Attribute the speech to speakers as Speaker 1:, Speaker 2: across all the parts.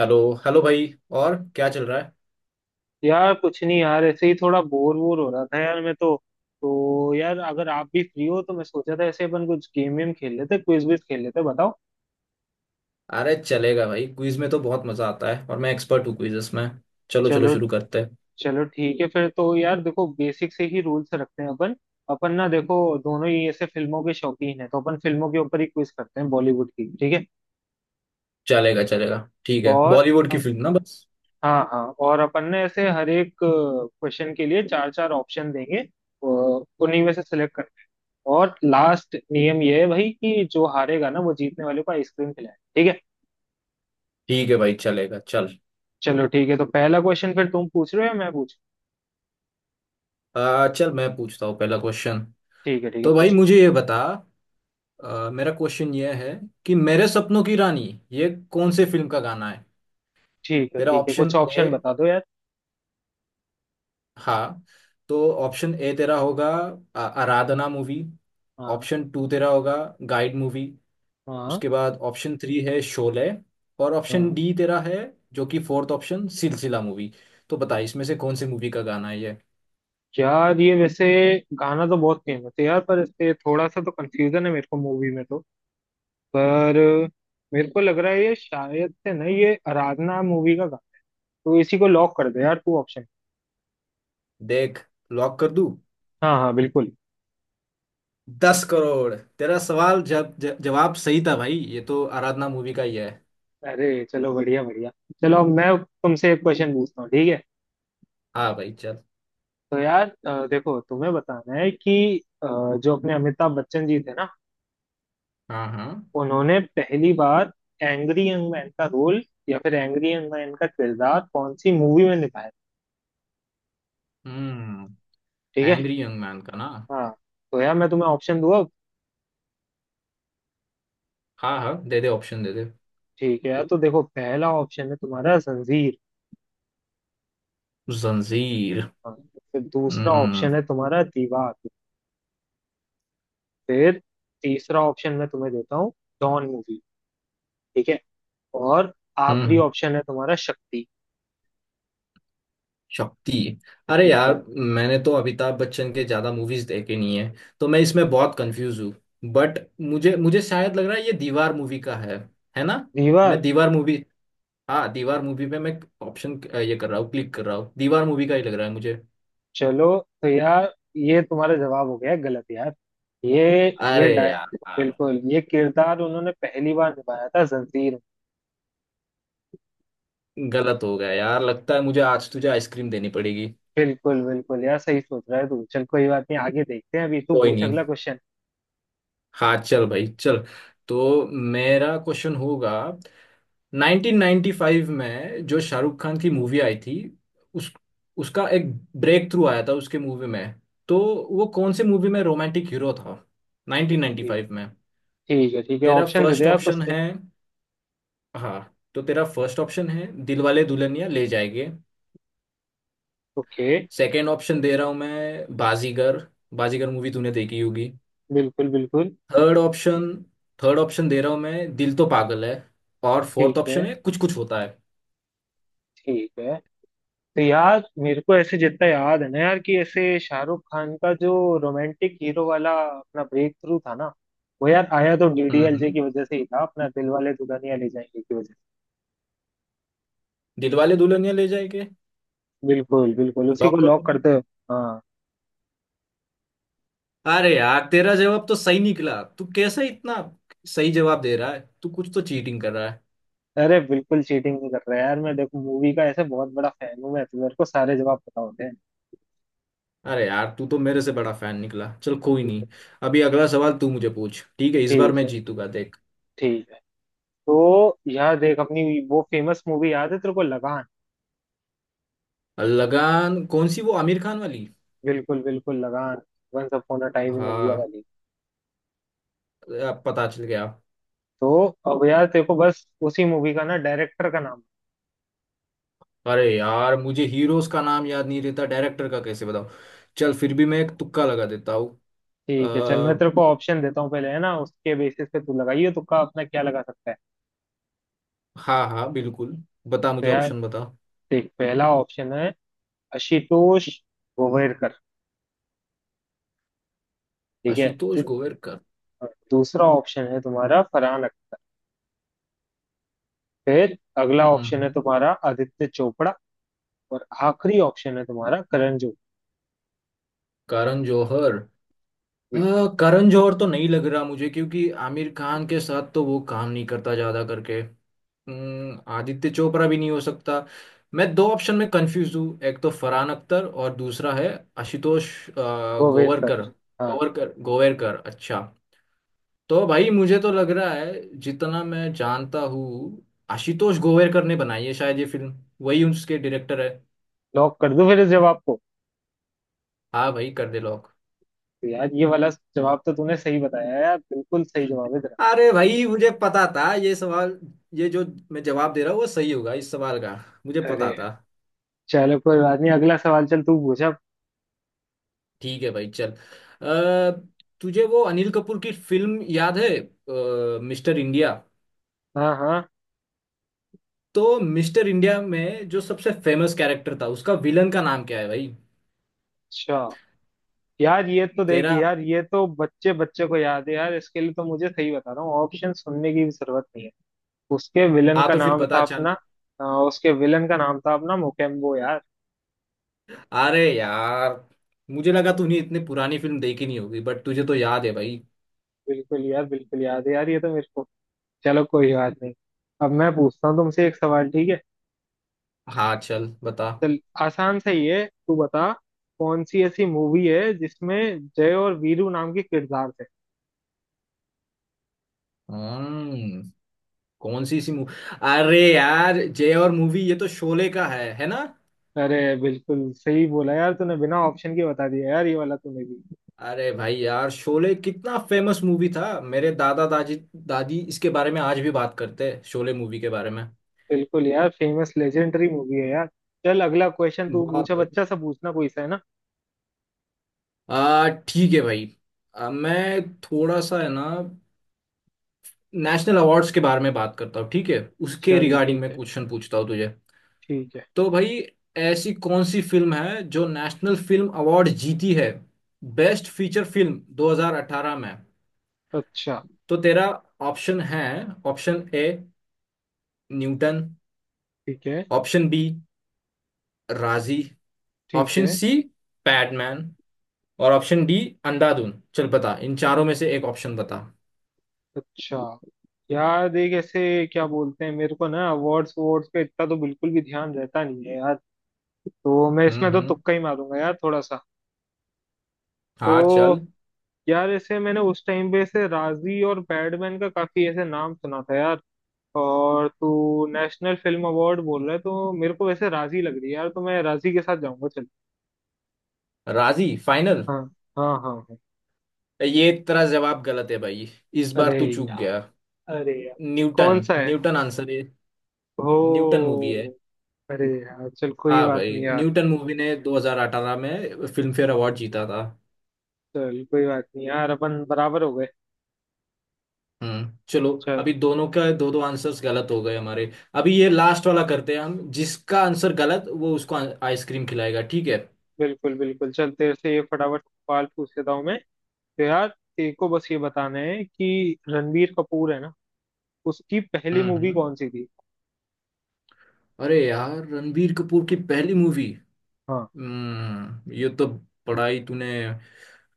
Speaker 1: Hello. Hello भाई। और क्या चल रहा है?
Speaker 2: यार कुछ नहीं यार, ऐसे ही थोड़ा बोर बोर हो रहा था यार मैं तो। तो यार, अगर आप भी फ्री हो तो मैं सोचा था ऐसे अपन कुछ गेम वेम खेल लेते, क्विज विज खेल लेते, बताओ।
Speaker 1: अरे चलेगा भाई। क्विज में तो बहुत मजा आता है और मैं एक्सपर्ट हूँ क्विजेस में। चलो चलो,
Speaker 2: चलो
Speaker 1: शुरू करते हैं।
Speaker 2: चलो ठीक है फिर तो यार, देखो बेसिक से ही रूल्स रखते हैं अपन अपन ना देखो, दोनों ही ऐसे फिल्मों के शौकीन हैं, तो अपन फिल्मों के ऊपर ही क्विज करते हैं बॉलीवुड की, ठीक है।
Speaker 1: चलेगा चलेगा। ठीक है,
Speaker 2: और
Speaker 1: बॉलीवुड की फिल्म ना, बस।
Speaker 2: हाँ हाँ, और अपन ने ऐसे हर एक क्वेश्चन के लिए चार चार ऑप्शन देंगे, उन्हीं में से सिलेक्ट। और लास्ट नियम ये है भाई कि जो हारेगा ना वो जीतने वाले को आइसक्रीम खिलाए, ठीक है।
Speaker 1: ठीक है भाई, चलेगा, चल।
Speaker 2: चलो ठीक है, तो पहला क्वेश्चन फिर तुम पूछ रहे हो या मैं पूछूं?
Speaker 1: चल मैं पूछता हूँ पहला क्वेश्चन।
Speaker 2: ठीक है ठीक है,
Speaker 1: तो भाई
Speaker 2: पूछो।
Speaker 1: मुझे ये बता। मेरा क्वेश्चन ये है कि मेरे सपनों की रानी ये कौन से फिल्म का गाना है?
Speaker 2: ठीक है
Speaker 1: तेरा
Speaker 2: ठीक है,
Speaker 1: ऑप्शन
Speaker 2: कुछ
Speaker 1: ए।
Speaker 2: ऑप्शन बता दो यार।
Speaker 1: हाँ। तो ऑप्शन ए तेरा होगा आराधना मूवी।
Speaker 2: हाँ
Speaker 1: ऑप्शन टू तेरा होगा गाइड मूवी।
Speaker 2: हाँ
Speaker 1: उसके बाद ऑप्शन थ्री है शोले। और ऑप्शन
Speaker 2: हाँ।
Speaker 1: डी तेरा है, जो कि फोर्थ ऑप्शन सिलसिला मूवी। तो बता, इसमें से कौन सी मूवी का गाना है ये?
Speaker 2: यार ये वैसे गाना तो बहुत फेमस है यार, पर इससे थोड़ा सा तो कंफ्यूजन है मेरे को मूवी में तो। पर मेरे को लग रहा है ये शायद से ना, ये आराधना मूवी का गाना। तो इसी को लॉक कर दे यार तू ऑप्शन।
Speaker 1: देख। लॉक कर दूं?
Speaker 2: हाँ हाँ बिल्कुल।
Speaker 1: दस करोड़ तेरा सवाल जब जवाब सही था भाई, ये तो आराधना मूवी का ही है।
Speaker 2: अरे चलो बढ़िया बढ़िया। चलो अब मैं तुमसे एक क्वेश्चन पूछता हूँ, ठीक है।
Speaker 1: हाँ भाई, चल।
Speaker 2: तो यार देखो तुम्हें बताना है कि जो अपने अमिताभ बच्चन जी थे ना,
Speaker 1: हाँ हाँ।
Speaker 2: उन्होंने पहली बार एंग्री यंग मैन का रोल या फिर एंग्री यंग मैन का किरदार कौन सी मूवी में निभाया?
Speaker 1: हम्म।
Speaker 2: ठीक है।
Speaker 1: एंग्री यंग मैन का ना।
Speaker 2: हाँ, तो यार मैं तुम्हें ऑप्शन दूँ अब।
Speaker 1: हाँ हाँ, दे दे ऑप्शन दे दे।
Speaker 2: ठीक है यार, तो देखो पहला ऑप्शन है तुम्हारा जंजीर।
Speaker 1: जंजीर।
Speaker 2: हाँ। फिर दूसरा ऑप्शन
Speaker 1: हम्म।
Speaker 2: है तुम्हारा दीवार। फिर तीसरा ऑप्शन मैं तुम्हें देता हूँ, डॉन मूवी, ठीक है। और आखिरी
Speaker 1: हम्म।
Speaker 2: ऑप्शन है तुम्हारा शक्ति।
Speaker 1: शक्ति। अरे यार,
Speaker 2: बिल्कुल।
Speaker 1: मैंने तो अमिताभ बच्चन के ज्यादा मूवीज देखे नहीं है। तो मैं इसमें बहुत कंफ्यूज हूँ। बट मुझे मुझे शायद लग रहा है ये दीवार मूवी का है। है ना? मैं
Speaker 2: दीवार।
Speaker 1: दीवार मूवी। हाँ, दीवार मूवी पे मैं ऑप्शन ये कर रहा हूँ, क्लिक कर रहा हूँ। दीवार मूवी का ही लग रहा है मुझे।
Speaker 2: चलो, तो यार ये तुम्हारा जवाब हो गया गलत यार। ये ये
Speaker 1: अरे
Speaker 2: डाय
Speaker 1: यार यार।
Speaker 2: बिल्कुल ये किरदार उन्होंने पहली बार निभाया था जंजीर में।
Speaker 1: गलत हो गया यार। लगता है मुझे आज तुझे आइसक्रीम देनी पड़ेगी।
Speaker 2: बिल्कुल बिल्कुल यार, सही सोच रहा है तू, चल कोई बात नहीं, आगे देखते हैं। अभी तू
Speaker 1: कोई
Speaker 2: पूछ
Speaker 1: नहीं।
Speaker 2: अगला क्वेश्चन।
Speaker 1: हाँ चल भाई, चल। तो मेरा क्वेश्चन होगा। 1995 में जो शाहरुख खान की मूवी आई थी, उस उसका एक ब्रेक थ्रू आया था उसके मूवी में। तो वो कौन से मूवी में रोमांटिक हीरो था
Speaker 2: ठीक
Speaker 1: 1995 में?
Speaker 2: ठीक है ठीक है,
Speaker 1: तेरा
Speaker 2: ऑप्शन दे दे
Speaker 1: फर्स्ट
Speaker 2: आप
Speaker 1: ऑप्शन
Speaker 2: उससे।
Speaker 1: है। हाँ, तो तेरा फर्स्ट ऑप्शन है Dilwale Dulhania Le Jayenge.
Speaker 2: Okay.
Speaker 1: Second option दे रहा हूँ मैं, बाजीगर। बाजीगर मूवी तूने देखी होगी।
Speaker 2: बिल्कुल बिल्कुल।
Speaker 1: Third option. थर्ड ऑप्शन दे रहा हूँ मैं, दिल तो पागल है। और
Speaker 2: ठीक
Speaker 1: फोर्थ
Speaker 2: है
Speaker 1: ऑप्शन है कुछ कुछ होता है।
Speaker 2: ठीक है। तो यार मेरे को ऐसे जितना याद है ना यार, कि ऐसे शाहरुख खान का जो रोमांटिक हीरो वाला अपना ब्रेक थ्रू था ना, वो यार आया तो डीडीएलजे
Speaker 1: हम्म।
Speaker 2: की वजह से ही था, अपना दिल वाले दुल्हनिया ले जाएंगे की वजह
Speaker 1: दिलवाले दुल्हनिया ले जाएंगे।
Speaker 2: से। बिल्कुल बिल्कुल, उसी को
Speaker 1: लॉक कर दूं
Speaker 2: लॉक
Speaker 1: मैं?
Speaker 2: करते हो। हाँ।
Speaker 1: अरे यार, तेरा जवाब तो सही निकला। तू कैसे इतना सही जवाब दे रहा है? तू कुछ तो चीटिंग कर रहा है।
Speaker 2: अरे बिल्कुल चीटिंग नहीं कर रहा यार मैं, देखो मूवी का ऐसे बहुत बड़ा फैन हूँ मैं तो, मेरे को सारे जवाब पता होते हैं।
Speaker 1: अरे यार, तू तो मेरे से बड़ा फैन निकला। चल, कोई
Speaker 2: बिल्कुल।
Speaker 1: नहीं। अभी अगला सवाल तू मुझे पूछ, ठीक है? इस बार
Speaker 2: ठीक
Speaker 1: मैं
Speaker 2: है
Speaker 1: जीतूंगा, देख।
Speaker 2: ठीक है। तो यार देख अपनी वो फेमस मूवी याद है तेरे को, लगान?
Speaker 1: लगान? कौन सी, वो आमिर खान वाली?
Speaker 2: बिल्कुल बिल्कुल Lagaan, once upon a time in India
Speaker 1: हाँ।
Speaker 2: वाली।
Speaker 1: अब पता चल गया।
Speaker 2: तो अब यार तेरे को बस उसी मूवी का ना डायरेक्टर का नाम।
Speaker 1: अरे यार, मुझे हीरोज का नाम याद नहीं रहता, डायरेक्टर का कैसे बताऊं? चल, फिर भी मैं एक तुक्का लगा देता हूँ।
Speaker 2: ठीक है, चल मैं
Speaker 1: अ,
Speaker 2: तेरे को ऑप्शन देता हूँ पहले, है ना, उसके बेसिस पे तू लगाइए तुक्का, अपना क्या लगा सकता है।
Speaker 1: हाँ हाँ, बिल्कुल। बता
Speaker 2: तो
Speaker 1: मुझे,
Speaker 2: यार
Speaker 1: ऑप्शन बता।
Speaker 2: देख, पहला ऑप्शन है आशुतोष गोवेरकर, ठीक है।
Speaker 1: आशुतोष
Speaker 2: दू-
Speaker 1: गोवेरकर।
Speaker 2: दूसरा ऑप्शन है तुम्हारा फरहान अख्तर। फिर अगला
Speaker 1: हम्म
Speaker 2: ऑप्शन है
Speaker 1: हम्म।
Speaker 2: तुम्हारा आदित्य चोपड़ा। और आखिरी ऑप्शन है तुम्हारा करण जौहर।
Speaker 1: करण जौहर। अ, करण जौहर तो नहीं लग रहा मुझे, क्योंकि आमिर खान के साथ तो वो काम नहीं करता ज्यादा करके। आदित्य चोपड़ा भी नहीं हो सकता। मैं दो ऑप्शन में कंफ्यूज हूँ, एक तो फरहान अख्तर और दूसरा है आशुतोष गोवरकर।
Speaker 2: गोवेरकर। हाँ।
Speaker 1: गोवरकर, गोवेरकर। अच्छा। तो भाई मुझे तो लग रहा है, जितना मैं जानता हूँ आशुतोष गोवेरकर ने बनाई है शायद ये फिल्म। वही उसके डायरेक्टर है।
Speaker 2: लॉक कर दूं फिर इस जवाब को?
Speaker 1: हाँ भाई, कर दे लॉक।
Speaker 2: तो यार ये वाला जवाब तो तूने सही बताया यार, बिल्कुल सही जवाब है तेरा।
Speaker 1: अरे भाई, मुझे पता था ये सवाल। ये जो मैं जवाब दे रहा हूँ वो सही होगा इस सवाल का। मुझे
Speaker 2: अरे
Speaker 1: पता था।
Speaker 2: चलो कोई बात नहीं, अगला सवाल चल तू पूछ अब।
Speaker 1: ठीक है भाई, चल। अ, तुझे वो अनिल कपूर की फिल्म याद है, मिस्टर इंडिया?
Speaker 2: हाँ हाँ।
Speaker 1: तो मिस्टर इंडिया में जो सबसे फेमस कैरेक्टर था, उसका विलन का नाम क्या है भाई?
Speaker 2: अच्छा, यार ये तो देख
Speaker 1: तेरा।
Speaker 2: यार, ये तो बच्चे बच्चे को याद है यार, इसके लिए तो मुझे सही बता रहा हूँ, ऑप्शन सुनने की भी जरूरत नहीं है। उसके विलन
Speaker 1: हाँ,
Speaker 2: का
Speaker 1: तो फिर
Speaker 2: नाम
Speaker 1: बता,
Speaker 2: था
Speaker 1: चल।
Speaker 2: अपना उसके विलन का नाम था अपना मोकेम्बो यार।
Speaker 1: अरे यार, मुझे लगा तूने इतनी पुरानी फिल्म देखी नहीं होगी, बट तुझे तो याद है भाई।
Speaker 2: बिल्कुल यार, बिल्कुल याद है यार ये तो मेरे को। चलो कोई बात नहीं, अब मैं पूछता हूँ तुमसे एक सवाल, ठीक है।
Speaker 1: हाँ, चल बता।
Speaker 2: चल आसान सा ही है, तू बता, कौन सी ऐसी मूवी है जिसमें जय और वीरू नाम के किरदार थे?
Speaker 1: हम्म। कौन सी सी मूवी? अरे यार, जय और मूवी, ये तो शोले का है ना?
Speaker 2: अरे बिल्कुल सही बोला यार तूने, बिना ऑप्शन के बता दिया यार, ये वाला तूने भी।
Speaker 1: अरे भाई यार, शोले कितना फेमस मूवी था, मेरे दादा दादी दादी इसके बारे में आज भी बात करते हैं, शोले मूवी के बारे में।
Speaker 2: बिल्कुल यार, फेमस लेजेंडरी मूवी है यार। चल अगला क्वेश्चन तू
Speaker 1: बहुत
Speaker 2: पूछा,
Speaker 1: भाई।
Speaker 2: बच्चा सा पूछना कोई सा, है ना।
Speaker 1: आ ठीक है भाई। मैं थोड़ा सा, है ना, नेशनल अवार्ड्स के बारे में बात करता हूँ, ठीक है? उसके
Speaker 2: चल
Speaker 1: रिगार्डिंग
Speaker 2: ठीक
Speaker 1: मैं
Speaker 2: है
Speaker 1: क्वेश्चन पूछता हूँ तुझे।
Speaker 2: ठीक है।
Speaker 1: तो भाई, ऐसी कौन सी फिल्म है जो नेशनल फिल्म अवार्ड जीती है, बेस्ट फीचर फिल्म 2018 में?
Speaker 2: अच्छा।
Speaker 1: तो तेरा ऑप्शन है। Option A, Newton.
Speaker 2: ठीक है
Speaker 1: ऑप्शन बी, राजी।
Speaker 2: ठीक
Speaker 1: ऑप्शन
Speaker 2: है।
Speaker 1: सी, पैडमैन। और ऑप्शन डी, अंधाधुन। चल बता, इन चारों में से एक ऑप्शन बता।
Speaker 2: अच्छा यार, देख ऐसे क्या बोलते हैं मेरे को ना, अवार्ड्स अवार्ड्स पे इतना तो बिल्कुल भी ध्यान रहता नहीं है यार, तो मैं इसमें तो
Speaker 1: हम्म।
Speaker 2: तुक्का ही मारूंगा यार थोड़ा सा।
Speaker 1: हाँ,
Speaker 2: तो
Speaker 1: चल।
Speaker 2: यार ऐसे मैंने उस टाइम पे ऐसे राजी और पैडमैन का काफी ऐसे नाम सुना था यार, और तू नेशनल फिल्म अवार्ड बोल रहा है, तो मेरे को वैसे राजी लग रही है यार, तो मैं राजी के साथ जाऊंगा चल।
Speaker 1: राजी फाइनल?
Speaker 2: हाँ हाँ हाँ हाँ।
Speaker 1: ये तेरा जवाब गलत है भाई। इस बार
Speaker 2: अरे
Speaker 1: तू चूक गया।
Speaker 2: यार, अरे यार।
Speaker 1: न्यूटन।
Speaker 2: कौन सा है?
Speaker 1: न्यूटन आंसर है। न्यूटन मूवी है।
Speaker 2: ओ। अरे यार चल कोई
Speaker 1: हाँ
Speaker 2: बात
Speaker 1: भाई,
Speaker 2: नहीं यार।
Speaker 1: न्यूटन मूवी ने 2018 में फिल्म फेयर अवार्ड जीता था।
Speaker 2: चल कोई बात नहीं यार, अपन बराबर हो गए।
Speaker 1: हम्म। चलो।
Speaker 2: चल।
Speaker 1: अभी दोनों का दो दो आंसर्स गलत हो गए हमारे। अभी ये लास्ट वाला करते हैं हम, जिसका आंसर गलत वो उसको आइसक्रीम खिलाएगा, ठीक है?
Speaker 2: बिल्कुल बिल्कुल, चल तेरे से ये फटाफट सवाल पूछ लेता हूँ मैं। तो यार तेरे को बस ये बताना है कि रणबीर कपूर है ना, उसकी पहली
Speaker 1: हम्म
Speaker 2: मूवी
Speaker 1: हम्म।
Speaker 2: कौन सी थी?
Speaker 1: अरे यार, रणबीर कपूर की पहली मूवी।
Speaker 2: हाँ।
Speaker 1: ये तो बड़ा ही तूने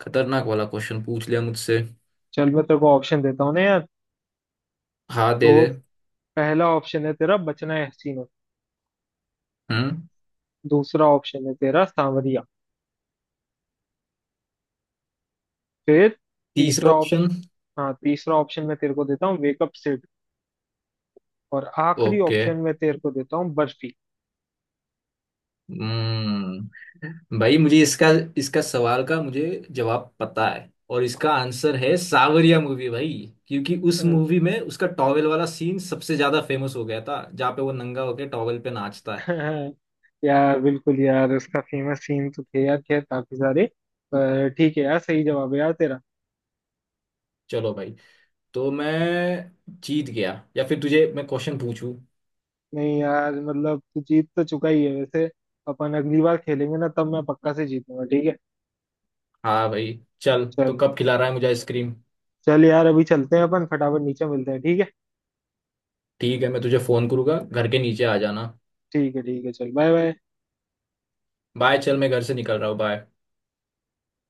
Speaker 1: खतरनाक वाला क्वेश्चन पूछ लिया मुझसे।
Speaker 2: चल मैं तेरे को ऑप्शन देता हूँ ना यार।
Speaker 1: हाँ, दे
Speaker 2: तो
Speaker 1: दे।
Speaker 2: पहला ऑप्शन है तेरा, बचना है हसीनो।
Speaker 1: हम्म।
Speaker 2: दूसरा ऑप्शन है तेरा सांवरिया। फिर
Speaker 1: तीसरा
Speaker 2: तीसरा
Speaker 1: ऑप्शन?
Speaker 2: ऑप्शन, हाँ तीसरा ऑप्शन मैं तेरे को देता हूँ वेकअप सिड। और आखिरी
Speaker 1: ओके।
Speaker 2: ऑप्शन मैं तेरे को देता हूँ बर्फी।
Speaker 1: भाई, मुझे इसका इसका सवाल का मुझे जवाब पता है, और इसका आंसर है सावरिया मूवी भाई। क्योंकि उस
Speaker 2: अ,
Speaker 1: मूवी में उसका टॉवेल वाला सीन सबसे ज्यादा फेमस हो गया था, जहाँ पे वो नंगा होके टॉवेल पे नाचता है।
Speaker 2: यार बिल्कुल यार, उसका फेमस सीन तो थे यार खैर काफी सारे। पर ठीक है यार, सही जवाब है यार तेरा।
Speaker 1: चलो भाई। तो मैं जीत गया, या फिर तुझे मैं क्वेश्चन पूछूं?
Speaker 2: नहीं यार, मतलब तू जीत तो चुका ही है वैसे। अपन अगली बार खेलेंगे ना, तब मैं पक्का से जीतूंगा, ठीक है।
Speaker 1: हाँ भाई चल, तो
Speaker 2: चल।
Speaker 1: कब खिला रहा है मुझे आइसक्रीम?
Speaker 2: चल यार, अभी चलते हैं अपन फटाफट, नीचे मिलते हैं, ठीक है।
Speaker 1: ठीक है, मैं तुझे फोन करूंगा, घर के नीचे आ जाना।
Speaker 2: ठीक है ठीक है, चल बाय बाय।
Speaker 1: बाय, चल मैं घर से निकल रहा हूँ, बाय।